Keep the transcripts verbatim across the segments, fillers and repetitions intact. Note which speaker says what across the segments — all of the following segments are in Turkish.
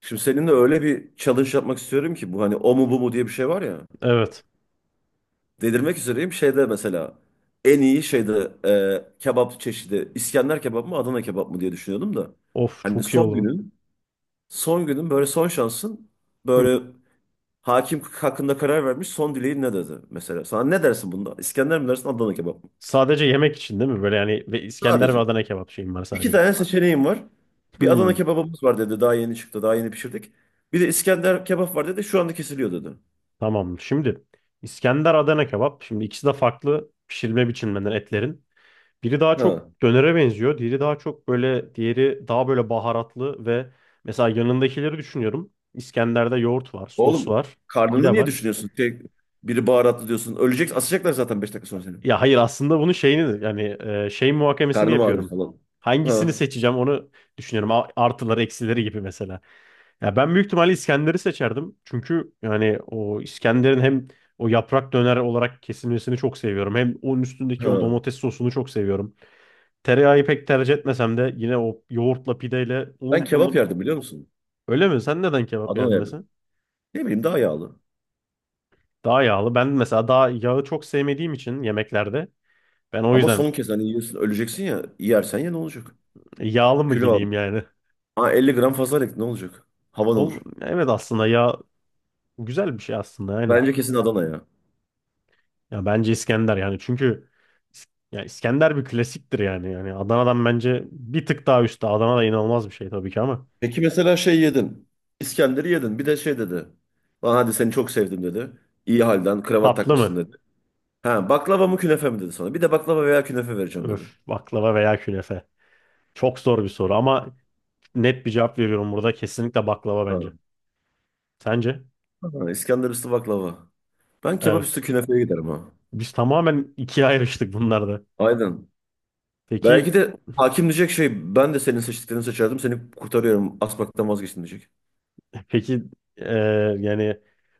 Speaker 1: Şimdi seninle öyle bir challenge yapmak istiyorum ki bu hani o mu bu mu diye bir şey var ya.
Speaker 2: Evet.
Speaker 1: Delirmek üzereyim şeyde mesela en iyi şeyde e, kebap çeşidi İskender kebap mı Adana kebap mı diye düşünüyordum da.
Speaker 2: Of,
Speaker 1: Hani
Speaker 2: çok iyi
Speaker 1: son
Speaker 2: olur.
Speaker 1: günün son günün böyle son şansın
Speaker 2: Hı hı.
Speaker 1: böyle hakim hakkında karar vermiş son dileğin ne dedi mesela. Sana ne dersin bunda İskender mi dersin Adana kebap mı?
Speaker 2: Sadece yemek için değil mi? Böyle yani ve İskender ve
Speaker 1: Sadece
Speaker 2: Adana kebap şeyim var
Speaker 1: iki
Speaker 2: sadece.
Speaker 1: tane seçeneğim var. Bir Adana
Speaker 2: Hmm,
Speaker 1: kebabımız var dedi, daha yeni çıktı, daha yeni pişirdik. Bir de İskender kebap var dedi, şu anda kesiliyor dedi.
Speaker 2: tamam. Şimdi İskender Adana kebap. Şimdi ikisi de farklı pişirme biçimlerinden etlerin. Biri daha çok
Speaker 1: Ha.
Speaker 2: dönere benziyor. Diğeri daha çok böyle, diğeri daha böyle baharatlı ve mesela yanındakileri düşünüyorum. İskender'de yoğurt var, sos
Speaker 1: Oğlum,
Speaker 2: var, bir
Speaker 1: karnını
Speaker 2: de
Speaker 1: niye
Speaker 2: var.
Speaker 1: düşünüyorsun? Tek, biri baharatlı diyorsun. Ölecek, asacaklar zaten beş dakika sonra seni.
Speaker 2: Ya hayır, aslında bunun şeyini, yani e, şey muhakemesini
Speaker 1: Karnım ağrıyor
Speaker 2: yapıyorum.
Speaker 1: falan.
Speaker 2: Hangisini
Speaker 1: Ha,
Speaker 2: seçeceğim onu düşünüyorum. A- Artıları eksileri gibi mesela. Ya ben büyük ihtimalle İskender'i seçerdim. Çünkü yani o İskender'in hem o yaprak döner olarak kesilmesini çok seviyorum. Hem onun üstündeki
Speaker 1: ha.
Speaker 2: o domates sosunu çok seviyorum. Tereyağı pek tercih etmesem de yine o yoğurtla, pideyle
Speaker 1: Ben
Speaker 2: onun,
Speaker 1: kebap
Speaker 2: onun...
Speaker 1: yerdim, biliyor musun?
Speaker 2: Öyle mi? Sen neden kebap
Speaker 1: Adana
Speaker 2: yerdin
Speaker 1: yerdim.
Speaker 2: mesela?
Speaker 1: Ne bileyim, daha yağlı.
Speaker 2: Daha yağlı. Ben mesela daha yağı çok sevmediğim için yemeklerde ben o
Speaker 1: Ama
Speaker 2: yüzden
Speaker 1: son kez hani yiyorsun, öleceksin ya. Yersen ya ne olacak?
Speaker 2: yağlı mı
Speaker 1: Kilo al.
Speaker 2: gideyim yani?
Speaker 1: Ha, elli gram fazla ek ne olacak? Havan
Speaker 2: Ol,
Speaker 1: olur.
Speaker 2: evet, aslında yağ güzel bir şey aslında, aynen.
Speaker 1: Bence kesin Adana ya.
Speaker 2: Ya bence İskender, yani çünkü İs- ya İskender bir klasiktir yani. Yani Adana'dan bence bir tık daha üstte. Adana da inanılmaz bir şey tabii ki ama
Speaker 1: Peki mesela şey yedin. İskender'i yedin. Bir de şey dedi. Lan hadi, seni çok sevdim dedi. İyi halden kravat
Speaker 2: tatlı
Speaker 1: takmışsın
Speaker 2: mı?
Speaker 1: dedi. Ha, baklava mı künefe mi dedi sana. Bir de baklava veya künefe vereceğim dedi.
Speaker 2: Öf, baklava veya künefe. Çok zor bir soru ama net bir cevap veriyorum burada. Kesinlikle baklava bence.
Speaker 1: Ha.
Speaker 2: Sence?
Speaker 1: Ha, İskender üstü baklava. Ben kebap üstü
Speaker 2: Evet.
Speaker 1: künefeye giderim ha.
Speaker 2: Biz tamamen ikiye ayrıştık bunlarda.
Speaker 1: Aynen.
Speaker 2: Peki
Speaker 1: Belki de hakim diyecek, şey, ben de senin seçtiklerini seçerdim, seni kurtarıyorum, asmaktan vazgeçtim diyecek.
Speaker 2: peki eee, yani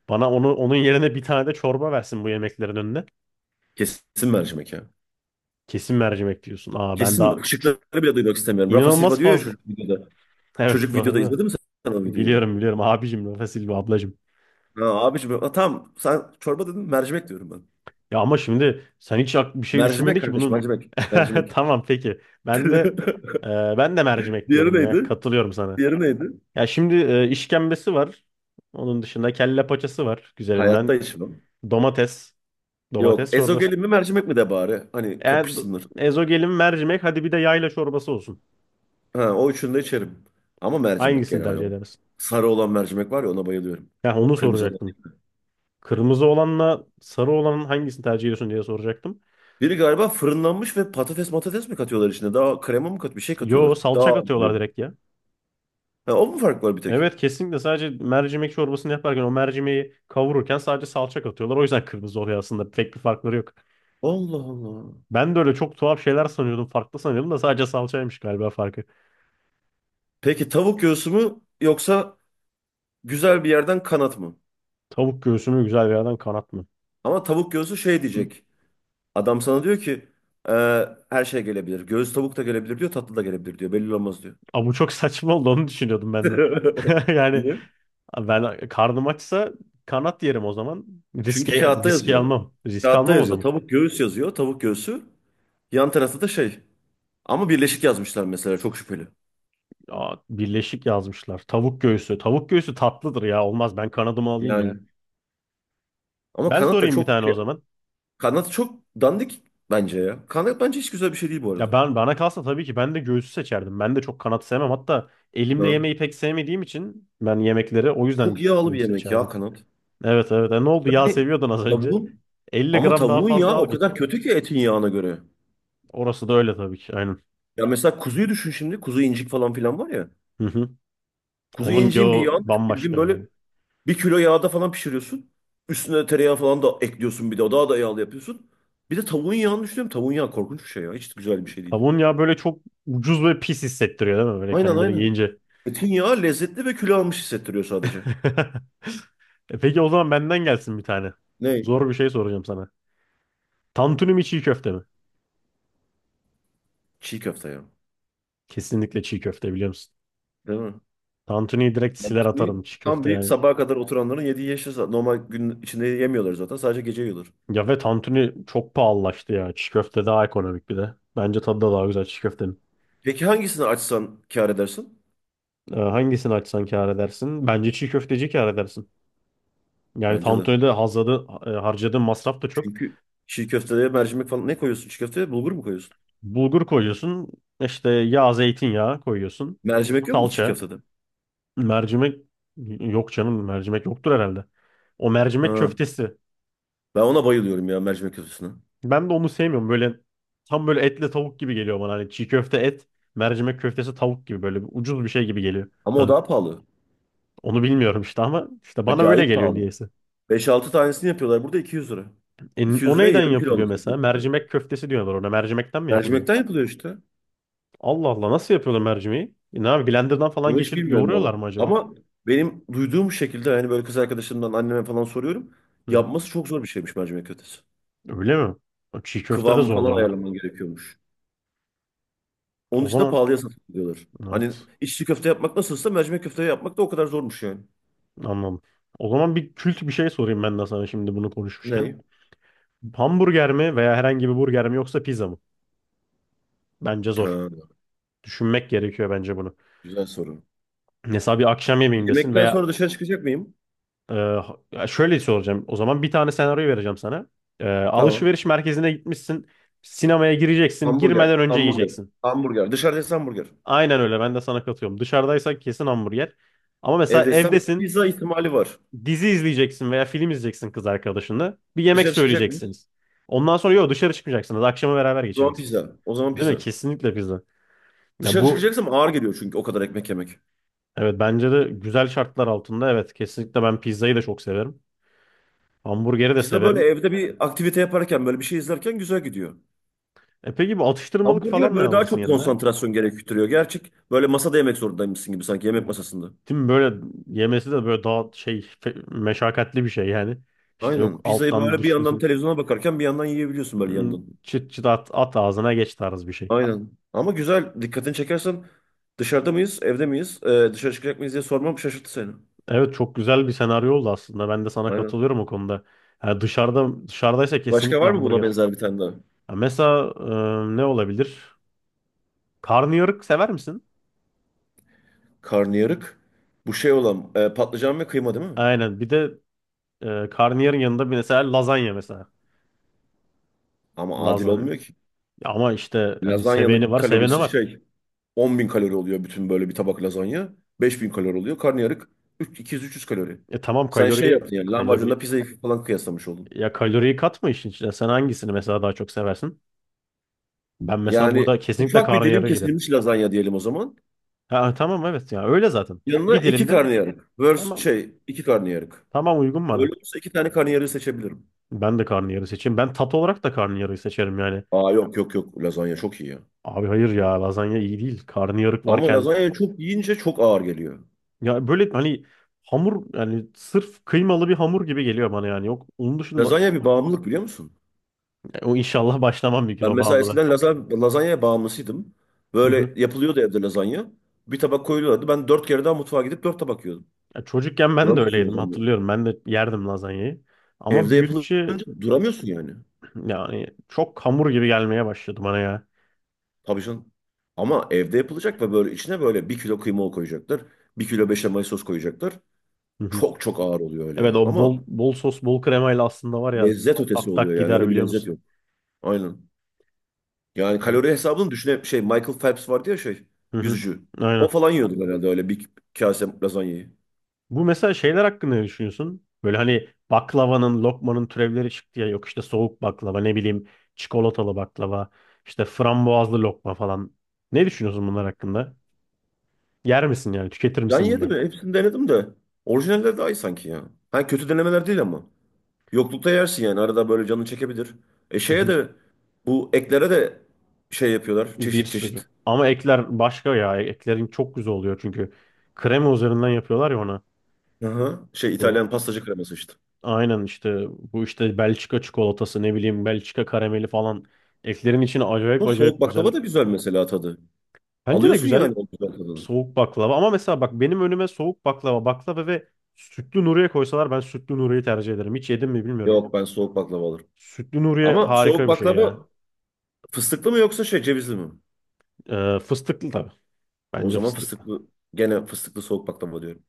Speaker 2: bana onu onun yerine bir tane de çorba versin bu yemeklerin önüne.
Speaker 1: Kesin mercimek ya.
Speaker 2: Kesin mercimek diyorsun. Aa, ben
Speaker 1: Kesin
Speaker 2: daha
Speaker 1: mi?
Speaker 2: üç-
Speaker 1: Şıkları bile duymak istemiyorum. Rafa Silva
Speaker 2: inanılmaz
Speaker 1: diyor ya
Speaker 2: fazla.
Speaker 1: çocuk videoda.
Speaker 2: Evet,
Speaker 1: Çocuk videoda
Speaker 2: doğru.
Speaker 1: izledin mi sen o videoyu?
Speaker 2: Biliyorum, biliyorum abicim, Rafa Silva ablacım.
Speaker 1: Ha, abiciğim, ha, tamam, sen çorba dedin, mercimek diyorum ben.
Speaker 2: Ya ama şimdi sen hiç ak- bir şey düşünmedi
Speaker 1: Mercimek
Speaker 2: ki
Speaker 1: kardeş,
Speaker 2: bunun.
Speaker 1: mercimek. Mercimek.
Speaker 2: Tamam, peki. Ben de e, ben de mercimek
Speaker 1: Diğeri
Speaker 2: diyorum ya.
Speaker 1: neydi?
Speaker 2: Katılıyorum sana.
Speaker 1: Diğeri neydi?
Speaker 2: Ya şimdi e, işkembesi var. Onun dışında kelle paçası var
Speaker 1: Hayatta
Speaker 2: güzelinden.
Speaker 1: içmem.
Speaker 2: Domates,
Speaker 1: Yok,
Speaker 2: domates çorbası.
Speaker 1: ezogelin mi mercimek mi de bari. Hani
Speaker 2: Eğer do-
Speaker 1: kapışsınlar.
Speaker 2: ezogelin, mercimek, hadi bir de yayla çorbası olsun.
Speaker 1: Ha, o üçünü de içerim. Ama mercimek
Speaker 2: Hangisini
Speaker 1: genel
Speaker 2: tercih
Speaker 1: olarak.
Speaker 2: edersin?
Speaker 1: Sarı olan mercimek var ya, ona bayılıyorum.
Speaker 2: Ya onu
Speaker 1: Kırmızı olan.
Speaker 2: soracaktım. Kırmızı olanla sarı olanın hangisini tercih ediyorsun diye soracaktım.
Speaker 1: Biri galiba fırınlanmış ve patates matates mi katıyorlar içine? Daha krema mı kat bir şey
Speaker 2: Yo,
Speaker 1: katıyorlar. Daha
Speaker 2: salça
Speaker 1: ağır
Speaker 2: katıyorlar
Speaker 1: oluyor.
Speaker 2: direkt.
Speaker 1: Ha, o mu fark var bir tek?
Speaker 2: Evet, kesinlikle sadece mercimek çorbasını yaparken o mercimeği kavururken sadece salça katıyorlar. O yüzden kırmızı oluyor aslında. Pek bir farkları yok.
Speaker 1: Allah Allah.
Speaker 2: Ben de öyle çok tuhaf şeyler sanıyordum. Farklı sanıyordum da sadece salçaymış galiba farkı.
Speaker 1: Peki tavuk göğsü mü yoksa güzel bir yerden kanat mı?
Speaker 2: Tavuk göğsünü güzel bir yerden kanat mı?
Speaker 1: Ama tavuk göğsü şey diyecek. Adam sana diyor ki, "Ee, her şey gelebilir. Göğüs tavuk da gelebilir diyor, tatlı da gelebilir diyor. Belli olmaz diyor."
Speaker 2: Aa, bu çok saçma oldu, onu düşünüyordum ben de. Yani
Speaker 1: Diye.
Speaker 2: ben, karnım açsa kanat yerim o zaman.
Speaker 1: Çünkü
Speaker 2: Riske,
Speaker 1: kağıtta
Speaker 2: riske
Speaker 1: yazıyor.
Speaker 2: almam. Risk
Speaker 1: Kağıtta
Speaker 2: almam o
Speaker 1: yazıyor.
Speaker 2: zaman.
Speaker 1: Tavuk göğüs yazıyor. Tavuk göğsü. Yan tarafta da şey. Ama birleşik yazmışlar mesela. Çok şüpheli.
Speaker 2: Aa, birleşik yazmışlar. Tavuk göğsü. Tavuk göğsü tatlıdır ya. Olmaz, ben kanadımı alayım ya.
Speaker 1: Yani. Ama
Speaker 2: Ben
Speaker 1: kanat da
Speaker 2: sorayım bir
Speaker 1: çok
Speaker 2: tane o
Speaker 1: şey.
Speaker 2: zaman.
Speaker 1: Kanat çok dandik bence ya. Kanat bence hiç güzel bir şey değil bu arada.
Speaker 2: Ya ben, bana kalsa tabii ki ben de göğsü seçerdim. Ben de çok kanat sevmem. Hatta elimle
Speaker 1: Ya.
Speaker 2: yemeği pek sevmediğim için ben yemekleri o
Speaker 1: Çok
Speaker 2: yüzden
Speaker 1: yağlı bir
Speaker 2: göğüs
Speaker 1: yemek ya
Speaker 2: seçerdim.
Speaker 1: kanat.
Speaker 2: Evet evet. E, ne oldu? Yağ
Speaker 1: Yani
Speaker 2: seviyordun az önce.
Speaker 1: tavuğun,
Speaker 2: elli
Speaker 1: ama
Speaker 2: gram daha
Speaker 1: tavuğun yağı
Speaker 2: fazla al
Speaker 1: o
Speaker 2: git.
Speaker 1: kadar kötü ki etin yağına göre.
Speaker 2: Orası da öyle tabii ki. Aynen.
Speaker 1: Ya mesela kuzuyu düşün şimdi. Kuzu incik falan filan var ya.
Speaker 2: Hı hı.
Speaker 1: Kuzu
Speaker 2: Onun
Speaker 1: inciğin bir
Speaker 2: yağı
Speaker 1: yağını düşün.
Speaker 2: bambaşka
Speaker 1: Bildiğin
Speaker 2: ya.
Speaker 1: böyle bir kilo yağda falan pişiriyorsun. Üstüne tereyağı falan da ekliyorsun bir de. O Daha da yağlı yapıyorsun. Bir de tavuğun yağını düşünüyorum. Tavuğun yağı korkunç bir şey ya. Hiç güzel bir şey değil.
Speaker 2: Tavuğun yağı böyle çok ucuz ve pis hissettiriyor değil mi? Böyle
Speaker 1: Aynen
Speaker 2: kendini
Speaker 1: aynen.
Speaker 2: yiyince.
Speaker 1: Etin yağı lezzetli ve kilo almış hissettiriyor sadece.
Speaker 2: E, peki o zaman benden gelsin bir tane.
Speaker 1: Ne?
Speaker 2: Zor bir şey soracağım sana. Tantuni mi, çiğ köfte mi?
Speaker 1: Çiğ köfte ya.
Speaker 2: Kesinlikle çiğ köfte, biliyor musun?
Speaker 1: Değil mi?
Speaker 2: Tantuni'yi direkt
Speaker 1: Yani
Speaker 2: siler
Speaker 1: Bir-
Speaker 2: atarım, çiğ
Speaker 1: tam
Speaker 2: köfte
Speaker 1: bir
Speaker 2: yani.
Speaker 1: sabaha kadar oturanların yediği yeşil sa- normal gün içinde yemiyorlar zaten. Sadece gece yiyorlar.
Speaker 2: Ya ve tantuni çok pahalılaştı ya. Çiğ köfte daha ekonomik bir de. Bence tadı da daha güzel çiğ köftenin.
Speaker 1: Peki hangisini açsan kâr edersin?
Speaker 2: Ee, hangisini açsan kâr edersin? Bence çiğ köfteci kâr edersin. Yani
Speaker 1: Bence de.
Speaker 2: tantuni'de hazladı, e, harcadığın masraf da çok.
Speaker 1: Çünkü çiğ köfteye mercimek falan, ne koyuyorsun çiğ köfteye? Bulgur mu koyuyorsun?
Speaker 2: Bulgur koyuyorsun. İşte yağ, zeytinyağı koyuyorsun.
Speaker 1: Mercimek yok mu çiğ
Speaker 2: Salça,
Speaker 1: köftede?
Speaker 2: mercimek... Yok canım, mercimek yoktur herhalde. O mercimek
Speaker 1: Ha.
Speaker 2: köftesi.
Speaker 1: Ben ona bayılıyorum ya, mercimek köftesine.
Speaker 2: Ben de onu sevmiyorum. Böyle tam böyle etle tavuk gibi geliyor bana. Hani çiğ köfte et, mercimek köftesi tavuk gibi böyle bir ucuz bir şey gibi geliyor
Speaker 1: Ama o
Speaker 2: tadı.
Speaker 1: daha pahalı.
Speaker 2: Onu bilmiyorum işte ama işte bana öyle
Speaker 1: Acayip
Speaker 2: geliyor
Speaker 1: pahalı.
Speaker 2: niyeyse.
Speaker 1: Beş altı tanesini yapıyorlar burada iki yüz lira.
Speaker 2: E,
Speaker 1: iki yüz
Speaker 2: o
Speaker 1: liraya
Speaker 2: neyden
Speaker 1: yarım kilo
Speaker 2: yapılıyor
Speaker 1: alırsın.
Speaker 2: mesela? Mercimek köftesi diyorlar ona. Mercimekten mi yapılıyor?
Speaker 1: Mercimekten yapılıyor işte.
Speaker 2: Allah Allah, nasıl yapıyorlar mercimeği? E, ne abi, blenderdan falan
Speaker 1: Onu hiç
Speaker 2: geçirip
Speaker 1: bilmiyorum
Speaker 2: yoğuruyorlar
Speaker 1: valla.
Speaker 2: mı acaba?
Speaker 1: Ama benim duyduğum şekilde, hani, böyle kız arkadaşımdan anneme falan soruyorum.
Speaker 2: Hı hı.
Speaker 1: Yapması çok zor bir şeymiş mercimek köftesi.
Speaker 2: Öyle mi? Çiğ köfte de
Speaker 1: Kıvamı falan
Speaker 2: zordur ama.
Speaker 1: ayarlaman gerekiyormuş. Onun
Speaker 2: O
Speaker 1: için de
Speaker 2: zaman
Speaker 1: pahalıya satılıyorlar. Hani
Speaker 2: evet,
Speaker 1: içli köfte yapmak nasılsa mercimek köfte yapmak da o kadar zormuş yani.
Speaker 2: anladım. O zaman bir kült bir şey sorayım ben de sana şimdi, bunu konuşmuşken.
Speaker 1: Ne?
Speaker 2: Hamburger mi veya herhangi bir burger mi yoksa pizza mı? Bence zor.
Speaker 1: Ha,
Speaker 2: Düşünmek gerekiyor bence bunu.
Speaker 1: güzel soru.
Speaker 2: Mesela bir akşam yemeğindesin
Speaker 1: Yemekten
Speaker 2: veya
Speaker 1: sonra dışarı çıkacak mıyım?
Speaker 2: e, şöyle soracağım. O zaman bir tane senaryo vereceğim sana. E,
Speaker 1: Tamam.
Speaker 2: alışveriş merkezine gitmişsin. Sinemaya gireceksin.
Speaker 1: Hamburger,
Speaker 2: Girmeden önce
Speaker 1: hamburger,
Speaker 2: yiyeceksin.
Speaker 1: hamburger. Dışarıda yesem hamburger.
Speaker 2: Aynen öyle. Ben de sana katıyorum. Dışarıdaysak kesin hamburger. Ama mesela
Speaker 1: Evde yesem
Speaker 2: evdesin.
Speaker 1: pizza ihtimali var.
Speaker 2: Dizi izleyeceksin veya film izleyeceksin kız arkadaşınla. Bir yemek
Speaker 1: Dışarı çıkacak mıyız?
Speaker 2: söyleyeceksiniz. Ondan sonra yok, dışarı çıkmayacaksınız. Akşamı beraber
Speaker 1: O zaman
Speaker 2: geçireceksiniz.
Speaker 1: pizza. O zaman
Speaker 2: Değil mi?
Speaker 1: pizza.
Speaker 2: Kesinlikle pizza. Ya
Speaker 1: Dışarı
Speaker 2: bu...
Speaker 1: çıkacaksam ağır geliyor çünkü o kadar ekmek yemek.
Speaker 2: Evet, bence de güzel şartlar altında evet, kesinlikle ben pizzayı da çok severim. Hamburgeri de
Speaker 1: Pizza böyle
Speaker 2: severim.
Speaker 1: evde bir aktivite yaparken böyle bir şey izlerken güzel gidiyor.
Speaker 2: E peki, bu atıştırmalık
Speaker 1: Hamburger
Speaker 2: falan ne
Speaker 1: böyle daha
Speaker 2: alırsın
Speaker 1: çok
Speaker 2: yanına?
Speaker 1: konsantrasyon gerektiriyor. Gerçek, böyle masada yemek zorundaymışsın gibi, sanki yemek masasında.
Speaker 2: Değil mi? Böyle yemesi de böyle daha şey fe- meşakkatli bir şey yani. İşte yok,
Speaker 1: Aynen. Pizzayı
Speaker 2: alttan
Speaker 1: böyle bir yandan
Speaker 2: düşmesin.
Speaker 1: televizyona bakarken bir yandan yiyebiliyorsun, böyle
Speaker 2: Hmm,
Speaker 1: yandan.
Speaker 2: çıt çıt at, at ağzına, geç tarz bir şey.
Speaker 1: Aynen. Ama güzel. Dikkatini çekersen dışarıda mıyız, evde miyiz, Ee, dışarı çıkacak mıyız diye sormam şaşırttı seni.
Speaker 2: Evet, çok güzel bir senaryo oldu aslında. Ben de sana
Speaker 1: Aynen.
Speaker 2: katılıyorum o konuda. Yani dışarıda dışarıdaysa
Speaker 1: Başka
Speaker 2: kesinlikle
Speaker 1: var mı buna
Speaker 2: hamburger.
Speaker 1: benzer bir tane daha?
Speaker 2: Ya mesela e, ne olabilir? Karnıyarık sever misin?
Speaker 1: Karnıyarık. Bu şey olan, e, patlıcan ve kıyma değil mi?
Speaker 2: Aynen. Bir de e, karnıyarın yanında bir mesela lazanya mesela.
Speaker 1: Ama adil
Speaker 2: Lazanya.
Speaker 1: olmuyor ki.
Speaker 2: Ama işte hani, seveni
Speaker 1: Lazanyanın
Speaker 2: var, seveni
Speaker 1: kalorisi
Speaker 2: var.
Speaker 1: şey, on bin kalori oluyor bütün, böyle bir tabak lazanya. beş bin kalori oluyor. Karnıyarık üç- iki yüz üç yüz kalori.
Speaker 2: E tamam,
Speaker 1: Sen şey
Speaker 2: kalori
Speaker 1: yaptın, yani lahmacunla
Speaker 2: kalori
Speaker 1: pizzayı falan kıyaslamış oldun.
Speaker 2: ya, kaloriyi katma işin içine. Sen hangisini mesela daha çok seversin? Ben mesela
Speaker 1: Yani
Speaker 2: burada kesinlikle
Speaker 1: ufak bir dilim
Speaker 2: karnıyara giderim.
Speaker 1: kesilmiş lazanya diyelim o zaman.
Speaker 2: Ha, tamam evet, ya öyle zaten.
Speaker 1: Yanına
Speaker 2: Bir
Speaker 1: iki
Speaker 2: dilimde
Speaker 1: karnıyarık. Versus
Speaker 2: tamam
Speaker 1: şey iki karnıyarık.
Speaker 2: tamam, uygun
Speaker 1: Öyle
Speaker 2: bana.
Speaker 1: olsa iki tane karnıyarığı seçebilirim.
Speaker 2: Ben de karnıyarı seçeyim. Ben tat olarak da karnıyarıyı seçerim yani.
Speaker 1: Aa yok yok yok, lazanya çok iyi ya.
Speaker 2: Abi hayır ya, lazanya iyi değil. Karnıyarık
Speaker 1: Ama
Speaker 2: varken
Speaker 1: lazanya çok yiyince çok ağır geliyor.
Speaker 2: ya böyle hani hamur, yani sırf kıymalı bir hamur gibi geliyor bana yani. Yok, onun dışında...
Speaker 1: Lazanya bir bağımlılık, biliyor musun?
Speaker 2: O inşallah başlamam bir gün
Speaker 1: Ben
Speaker 2: o
Speaker 1: mesela
Speaker 2: bağımlılığa.
Speaker 1: eskiden laza- lazanyaya bağımlısıydım.
Speaker 2: Hı hı.
Speaker 1: Böyle yapılıyordu evde lazanya. Bir tabak koyuluyordu. Ben dört kere daha mutfağa gidip dört tabak yiyordum.
Speaker 2: Ya çocukken ben de
Speaker 1: Duramıyorsun
Speaker 2: öyleydim,
Speaker 1: lazanya.
Speaker 2: hatırlıyorum. Ben de yerdim lazanyayı. Ama
Speaker 1: Evde
Speaker 2: büyüdükçe
Speaker 1: yapılınca duramıyorsun yani.
Speaker 2: yani çok hamur gibi gelmeye başladı bana ya.
Speaker 1: Tabii canım. Ama evde yapılacak ve böyle içine böyle bir kilo kıyma koyacaklar. Bir kilo beşamel sos koyacaklar.
Speaker 2: Hı hı.
Speaker 1: Çok çok ağır oluyor öyle
Speaker 2: Evet,
Speaker 1: ya.
Speaker 2: o bol
Speaker 1: Ama
Speaker 2: bol sos, bol kremayla aslında var ya,
Speaker 1: lezzet ötesi
Speaker 2: tak
Speaker 1: oluyor
Speaker 2: tak
Speaker 1: yani.
Speaker 2: gider
Speaker 1: Öyle bir
Speaker 2: biliyor
Speaker 1: lezzet
Speaker 2: musun?
Speaker 1: yok. Aynen. Yani kalori hesabını düşüne şey, Michael Phelps vardı ya, şey,
Speaker 2: Hı hı.
Speaker 1: yüzücü. O
Speaker 2: Aynen.
Speaker 1: falan yiyordu herhalde öyle bir kase lazanyayı.
Speaker 2: Bu mesela şeyler hakkında ne düşünüyorsun? Böyle hani baklavanın, lokmanın türevleri çıktı ya, yok işte soğuk baklava, ne bileyim çikolatalı baklava, işte frambuazlı lokma falan. Ne düşünüyorsun bunlar hakkında? Yer misin yani? Tüketir
Speaker 1: Can
Speaker 2: misin
Speaker 1: yedi
Speaker 2: bunları?
Speaker 1: mi? Hepsini denedim de. Orijinaller daha iyi sanki ya. Ha, kötü denemeler değil ama. Yoklukta yersin yani. Arada böyle canını çekebilir. E
Speaker 2: Hı
Speaker 1: şeye
Speaker 2: hı.
Speaker 1: de, bu eklere de şey yapıyorlar.
Speaker 2: Bir
Speaker 1: Çeşit
Speaker 2: sürü.
Speaker 1: çeşit.
Speaker 2: Ama ekler başka ya. Eklerin çok güzel oluyor çünkü krema üzerinden yapıyorlar ya ona.
Speaker 1: Aha, şey,
Speaker 2: Bu
Speaker 1: İtalyan pastacı kreması işte.
Speaker 2: aynen, işte bu, işte Belçika çikolatası, ne bileyim Belçika karameli falan. Eklerin içine acayip
Speaker 1: Ama soğuk
Speaker 2: acayip güzel.
Speaker 1: baklava da güzel mesela, tadı.
Speaker 2: Bence de
Speaker 1: Alıyorsun yani
Speaker 2: güzel
Speaker 1: o güzel tadını.
Speaker 2: soğuk baklava, ama mesela bak, benim önüme soğuk baklava, baklava ve sütlü Nuriye koysalar ben sütlü Nuriye'yi tercih ederim. Hiç yedim mi bilmiyorum.
Speaker 1: Yok, ben soğuk baklava alırım.
Speaker 2: Sütlü Nuriye
Speaker 1: Ama soğuk
Speaker 2: harika bir şey ya.
Speaker 1: baklava fıstıklı mı yoksa şey cevizli mi?
Speaker 2: Ee, fıstıklı tabii.
Speaker 1: O
Speaker 2: Bence
Speaker 1: zaman
Speaker 2: fıstıklı.
Speaker 1: fıstıklı. Gene fıstıklı soğuk baklava diyorum.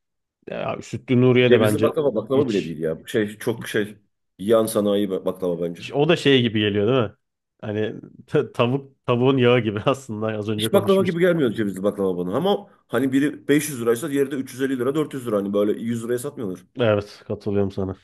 Speaker 2: Ya, sütlü Nuriye de
Speaker 1: Cevizli
Speaker 2: bence
Speaker 1: baklava, baklava bile
Speaker 2: hiç...
Speaker 1: değil ya. Şey çok şey, yan sanayi baklava bence.
Speaker 2: Ş- O da şey gibi geliyor değil mi? Hani ta- tavuk, tavuğun yağı gibi aslında az önce
Speaker 1: Hiç baklava gibi
Speaker 2: konuşmuştuk.
Speaker 1: gelmiyor cevizli baklava bana. Ama hani biri beş yüz liraysa diğeri de üç yüz elli lira dört yüz lira. Hani böyle yüz liraya satmıyorlar.
Speaker 2: Evet, katılıyorum sana.